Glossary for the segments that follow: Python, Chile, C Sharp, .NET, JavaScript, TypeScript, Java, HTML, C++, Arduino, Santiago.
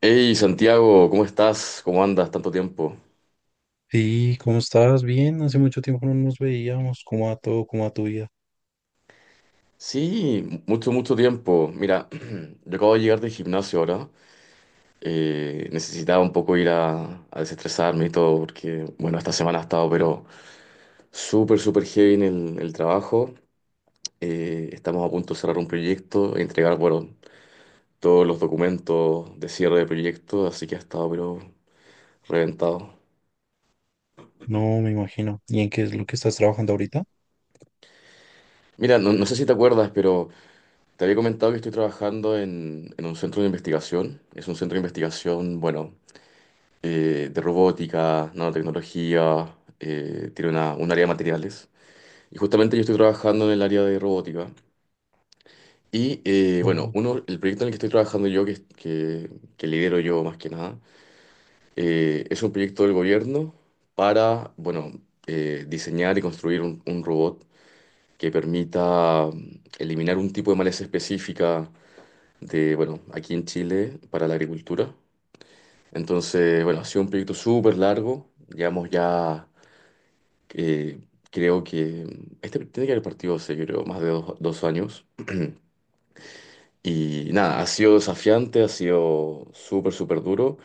Hey Santiago, ¿cómo estás? ¿Cómo andas? Tanto tiempo. Sí, ¿cómo estás? Bien, hace mucho tiempo no nos veíamos. ¿Cómo va todo? ¿Cómo va tu vida? Sí, mucho, mucho tiempo. Mira, yo acabo de llegar del gimnasio ahora. Necesitaba un poco ir a desestresarme y todo, porque, bueno, esta semana ha estado, pero súper, súper heavy en el trabajo. Estamos a punto de cerrar un proyecto e entregar, bueno, todos los documentos de cierre de proyecto, así que ha estado, pero reventado. No, me imagino. ¿Y en qué es lo que estás trabajando ahorita? Mira, no sé si te acuerdas, pero te había comentado que estoy trabajando en un centro de investigación. Es un centro de investigación, bueno, de robótica, nanotecnología, tiene una, un área de materiales. Y justamente yo estoy trabajando en el área de robótica. Y bueno, Oh, uno, el proyecto en el que estoy trabajando yo, que lidero yo más que nada, es un proyecto del gobierno para, bueno, diseñar y construir un robot que permita eliminar un tipo de maleza específica de, bueno, aquí en Chile para la agricultura. Entonces, bueno, ha sido un proyecto súper largo. Llevamos ya, eh, creo que este tiene que haber partido hace, creo, más de dos, dos años. Y nada, ha sido desafiante, ha sido súper, súper duro.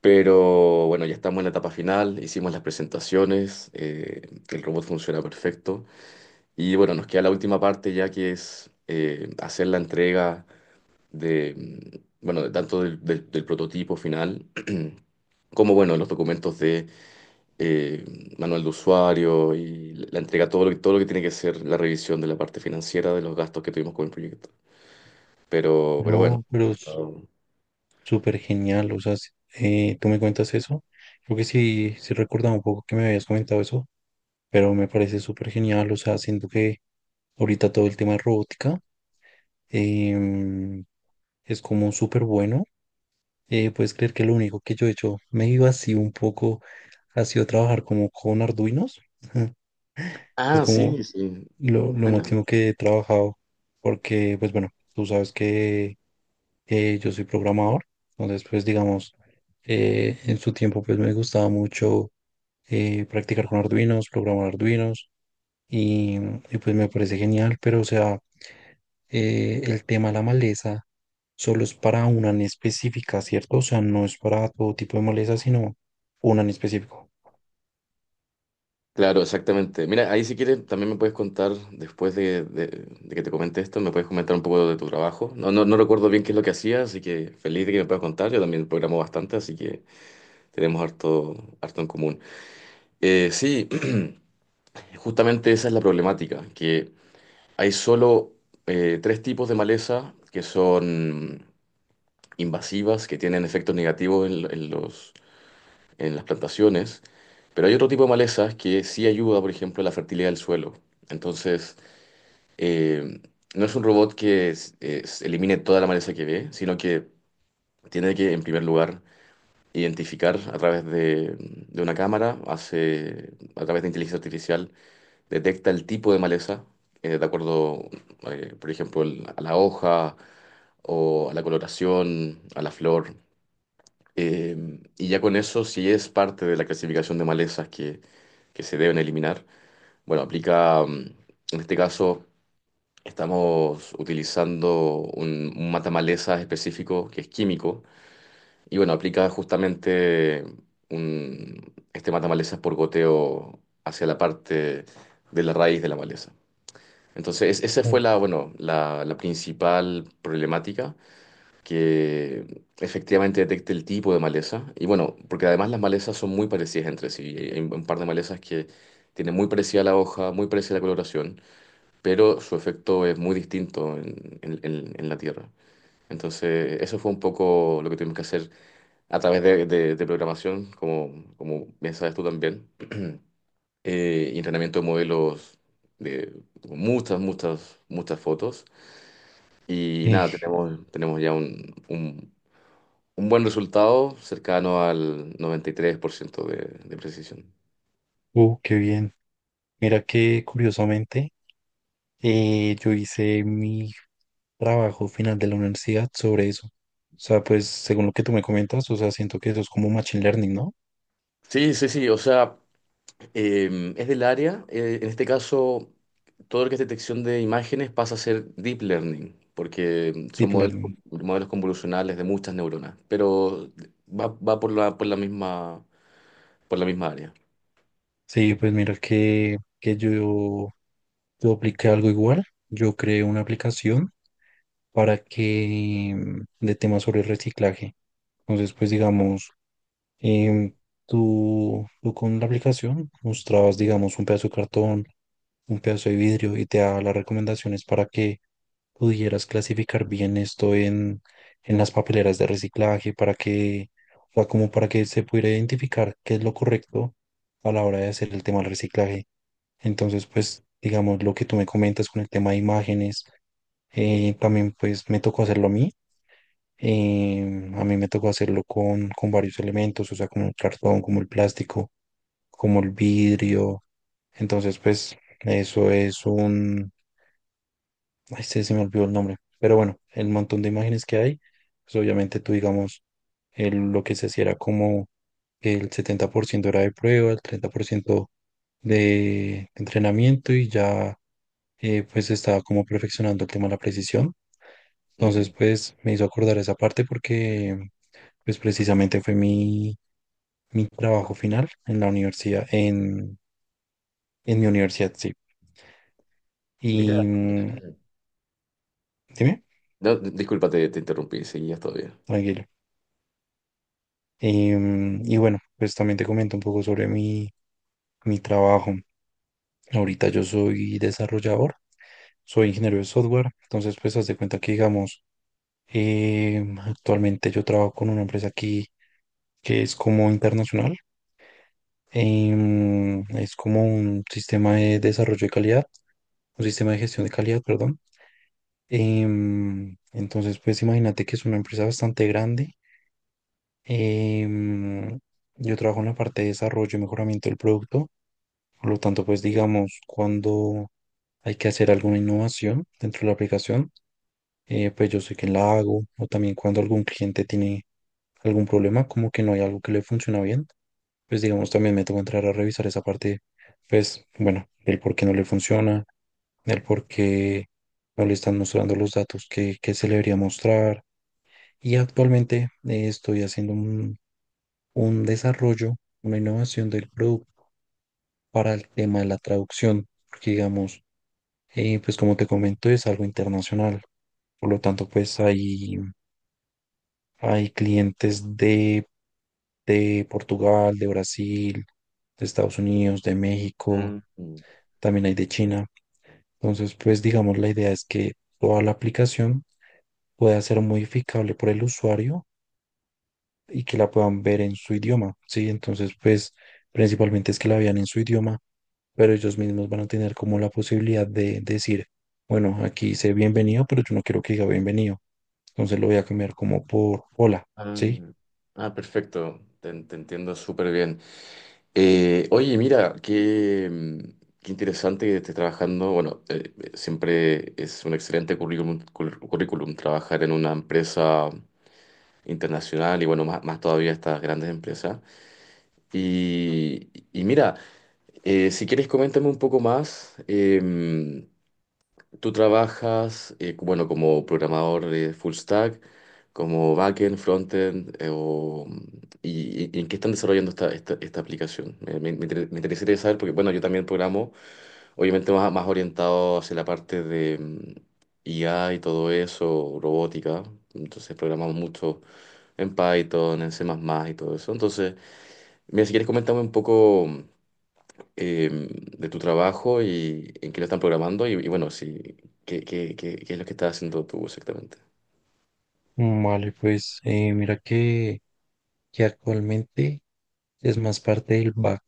Pero bueno, ya estamos en la etapa final, hicimos las presentaciones, el robot funciona perfecto. Y bueno, nos queda la última parte ya que es hacer la entrega de, bueno, de tanto del prototipo final, como, bueno, los documentos de eh, manual de usuario y la entrega, todo lo que tiene que ser la revisión de la parte financiera de los gastos que tuvimos con el proyecto. Pero bueno. no, pero Ha es estado... súper genial. O sea, tú me cuentas eso. Creo que sí, sí recordaba un poco que me habías comentado eso, pero me parece súper genial. O sea, siento que ahorita todo el tema de robótica em, es como súper bueno. Puedes creer que lo único que yo he hecho, me iba así un poco, ha sido trabajar como con Arduinos. Es Ah, como sí, sí. Lo Bueno, máximo que he trabajado, porque, pues bueno, tú sabes que yo soy programador, entonces, pues digamos, en su tiempo, pues me gustaba mucho practicar con Arduinos, programar Arduinos, y, y pues me parece genial, pero o sea, el tema de la maleza solo es para una en específica, ¿cierto? O sea, no es para todo tipo de maleza, sino una en específico. claro, exactamente. Mira, ahí si quieres también me puedes contar, después de que te comente esto, me puedes comentar un poco de tu trabajo. No, no recuerdo bien qué es lo que hacía, así que feliz de que me puedas contar. Yo también programo bastante, así que tenemos harto, harto en común. Sí, justamente esa es la problemática, que hay solo tres tipos de maleza que son invasivas, que tienen efectos negativos en los, en las plantaciones, pero hay otro tipo de malezas que sí ayuda, por ejemplo, a la fertilidad del suelo. Entonces, eh, no es un robot que elimine toda la maleza que ve, sino que tiene que, en primer lugar, identificar a través de una cámara, hace, a través de inteligencia artificial, detecta el tipo de maleza, de acuerdo, por ejemplo, a la hoja o a la coloración, a la flor. Y ya con eso, si es parte de la clasificación de malezas que se deben eliminar, bueno, aplica, en este caso, estamos utilizando un matamalezas específico que es químico. Y bueno, aplica justamente un, este malezas por goteo hacia la parte de la raíz de la maleza. Entonces, esa fue Mm. la, bueno, la principal problemática, que efectivamente detecte el tipo de maleza. Y bueno, porque además las malezas son muy parecidas entre sí. Hay un par de malezas que tienen muy parecida la hoja, muy parecida la coloración, pero su efecto es muy distinto en en la tierra. Entonces, eso fue un poco lo que tuvimos que hacer a través de programación, como, como bien sabes tú también, y entrenamiento de modelos de muchas, muchas, muchas fotos. Y Eh, nada, tenemos ya un buen resultado cercano al 93% de precisión. Qué bien. Mira que curiosamente. Yo hice mi trabajo final de la universidad sobre eso. O sea, pues según lo que tú me comentas, o sea, siento que eso es como machine learning, ¿no? Sí, sí, sí, o sea, es del área. En este caso, todo lo que es detección de imágenes pasa a ser deep learning, porque son Deep modelos, learning. Modelos convolucionales de muchas neuronas, pero va, va por la misma área. Sí, pues mira que yo apliqué algo igual. Yo creé una aplicación para que de temas sobre reciclaje. Entonces, pues digamos, em, tú con la aplicación mostrabas, digamos, un pedazo de cartón, un pedazo de vidrio y te daba las recomendaciones para que pudieras clasificar bien esto en, las papeleras de reciclaje, para que, o sea, como para que se pudiera identificar qué es lo correcto a la hora de hacer el tema del reciclaje. Entonces, pues, digamos, lo que tú me comentas con el tema de imágenes, también pues me tocó hacerlo a mí. A mí me tocó hacerlo con, varios elementos, o sea, como el cartón, como el plástico, como el vidrio. Entonces, pues, eso es un. Ay, se, me olvidó el nombre. Pero bueno, el montón de imágenes que hay, pues obviamente tú, digamos, el- lo que se hacía era como el 70% era de prueba, el 30% de entrenamiento y ya pues estaba como perfeccionando el tema de la precisión. Entonces Ujú. pues me hizo acordar esa parte porque pues precisamente fue mi, trabajo final en la universidad, en, mi universidad, sí. Mira, Y dime, no, disculpa, te interrumpí, seguías todavía. tranquilo. Y bueno, pues también te comento un poco sobre mi, trabajo. Ahorita yo soy desarrollador, soy ingeniero de software, entonces pues haz de cuenta que digamos, actualmente yo trabajo con una empresa aquí que es como internacional, es como un sistema de desarrollo de calidad, un sistema de gestión de calidad, perdón. Entonces pues imagínate que es una empresa bastante grande. em, yo trabajo en la parte de desarrollo y mejoramiento del producto. Por lo tanto, pues digamos, cuando hay que hacer alguna innovación dentro de la aplicación, pues yo sé que la hago, o también cuando algún cliente tiene algún problema, como que no hay algo que le funciona bien, pues digamos, también me toca entrar a revisar esa parte, pues bueno, el por qué no le funciona, el por qué no le están mostrando los datos que, se le debería mostrar. Y actualmente estoy haciendo un, desarrollo, una innovación del producto para el tema de la traducción, porque digamos, pues como te comento, es algo internacional. Por lo tanto, pues hay, clientes de, Portugal, de Brasil, de Estados Unidos, de México, Mm. también hay de China. Entonces, pues digamos, la idea es que toda la aplicación pueda ser modificable por el usuario y que la puedan ver en su idioma, ¿sí? Entonces, pues principalmente es que la vean en su idioma, pero ellos mismos van a tener como la posibilidad de decir, bueno, aquí dice bienvenido, pero yo no quiero que diga bienvenido, entonces lo voy a cambiar como por hola, Ah, ¿sí? ah, perfecto, te entiendo súper bien. Oye, mira, qué, qué interesante que estés trabajando. Bueno, siempre es un excelente currículum, currículum trabajar en una empresa internacional y bueno, más, más todavía estas grandes empresas. Y mira, si quieres coméntame un poco más. Tú trabajas, bueno, como programador de full stack, como backend, frontend, y, y en qué están desarrollando esta, esta, esta aplicación. Me, me interesaría saber, porque bueno, yo también programo, obviamente más, más orientado hacia la parte de IA y todo eso, robótica. Entonces programamos mucho en Python, en C++ y todo eso. Entonces, mira, si quieres comentarme un poco eh, de tu trabajo y en qué lo están programando y bueno, sí, qué es lo que estás haciendo tú exactamente. Vale, pues mira que, actualmente es más parte del back,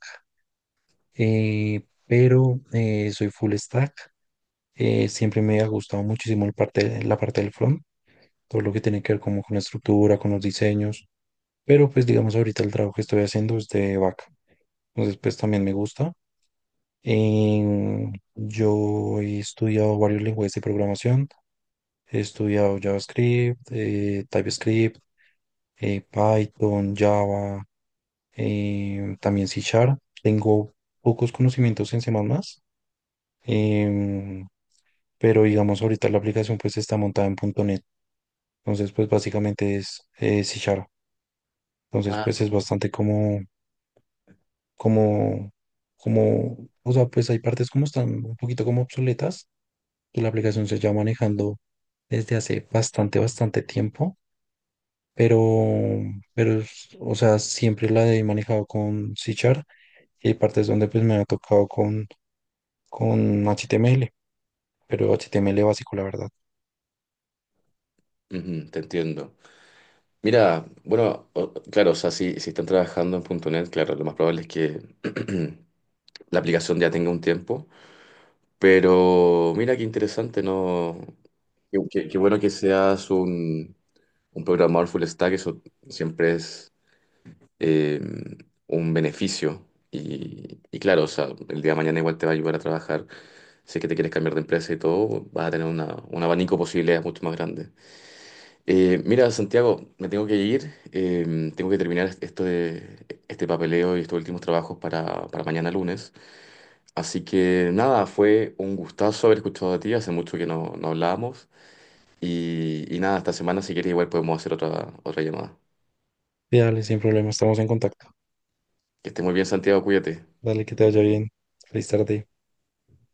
pero soy full stack, siempre me ha gustado muchísimo la parte del front, todo lo que tiene que ver como con la estructura, con los diseños. Pero pues digamos ahorita el trabajo que estoy haciendo es de vaca. Entonces pues también me gusta. Yo he estudiado varios lenguajes de programación. He estudiado JavaScript, TypeScript, Python, Java, también C Sharp. Tengo pocos conocimientos en C++, em, pero digamos ahorita la aplicación pues está montada en punto .NET. Entonces pues básicamente es C Sharp. Entonces Ah. pues es bastante como como, o sea, pues hay partes como están un poquito como obsoletas, que la aplicación se lleva manejando desde hace bastante, bastante tiempo, pero, o sea, siempre la he manejado con C Sharp y hay partes donde pues me ha tocado con, HTML, pero HTML básico, la verdad. Ujú, te entiendo. Mira, bueno, claro, o sea, si, si están trabajando en punto .NET, claro, lo más probable es que la aplicación ya tenga un tiempo, pero mira qué interesante, ¿no? Qué, qué bueno que seas un programador full stack, eso siempre es eh, un beneficio. Y claro, o sea, el día de mañana igual te va a ayudar a trabajar. Si es que te quieres cambiar de empresa y todo, vas a tener un abanico de posibilidades mucho más grande. Mira, Santiago, me tengo que ir, tengo que terminar esto de, este papeleo y estos últimos trabajos para mañana lunes. Así que nada, fue un gustazo haber escuchado a ti, hace mucho que no, no hablábamos. Y nada, esta semana si quieres igual podemos hacer otra, otra llamada. Dale, sin problema, estamos en contacto. Que estés muy bien, Santiago, cuídate. Dale, que te vaya bien. Feliz tarde.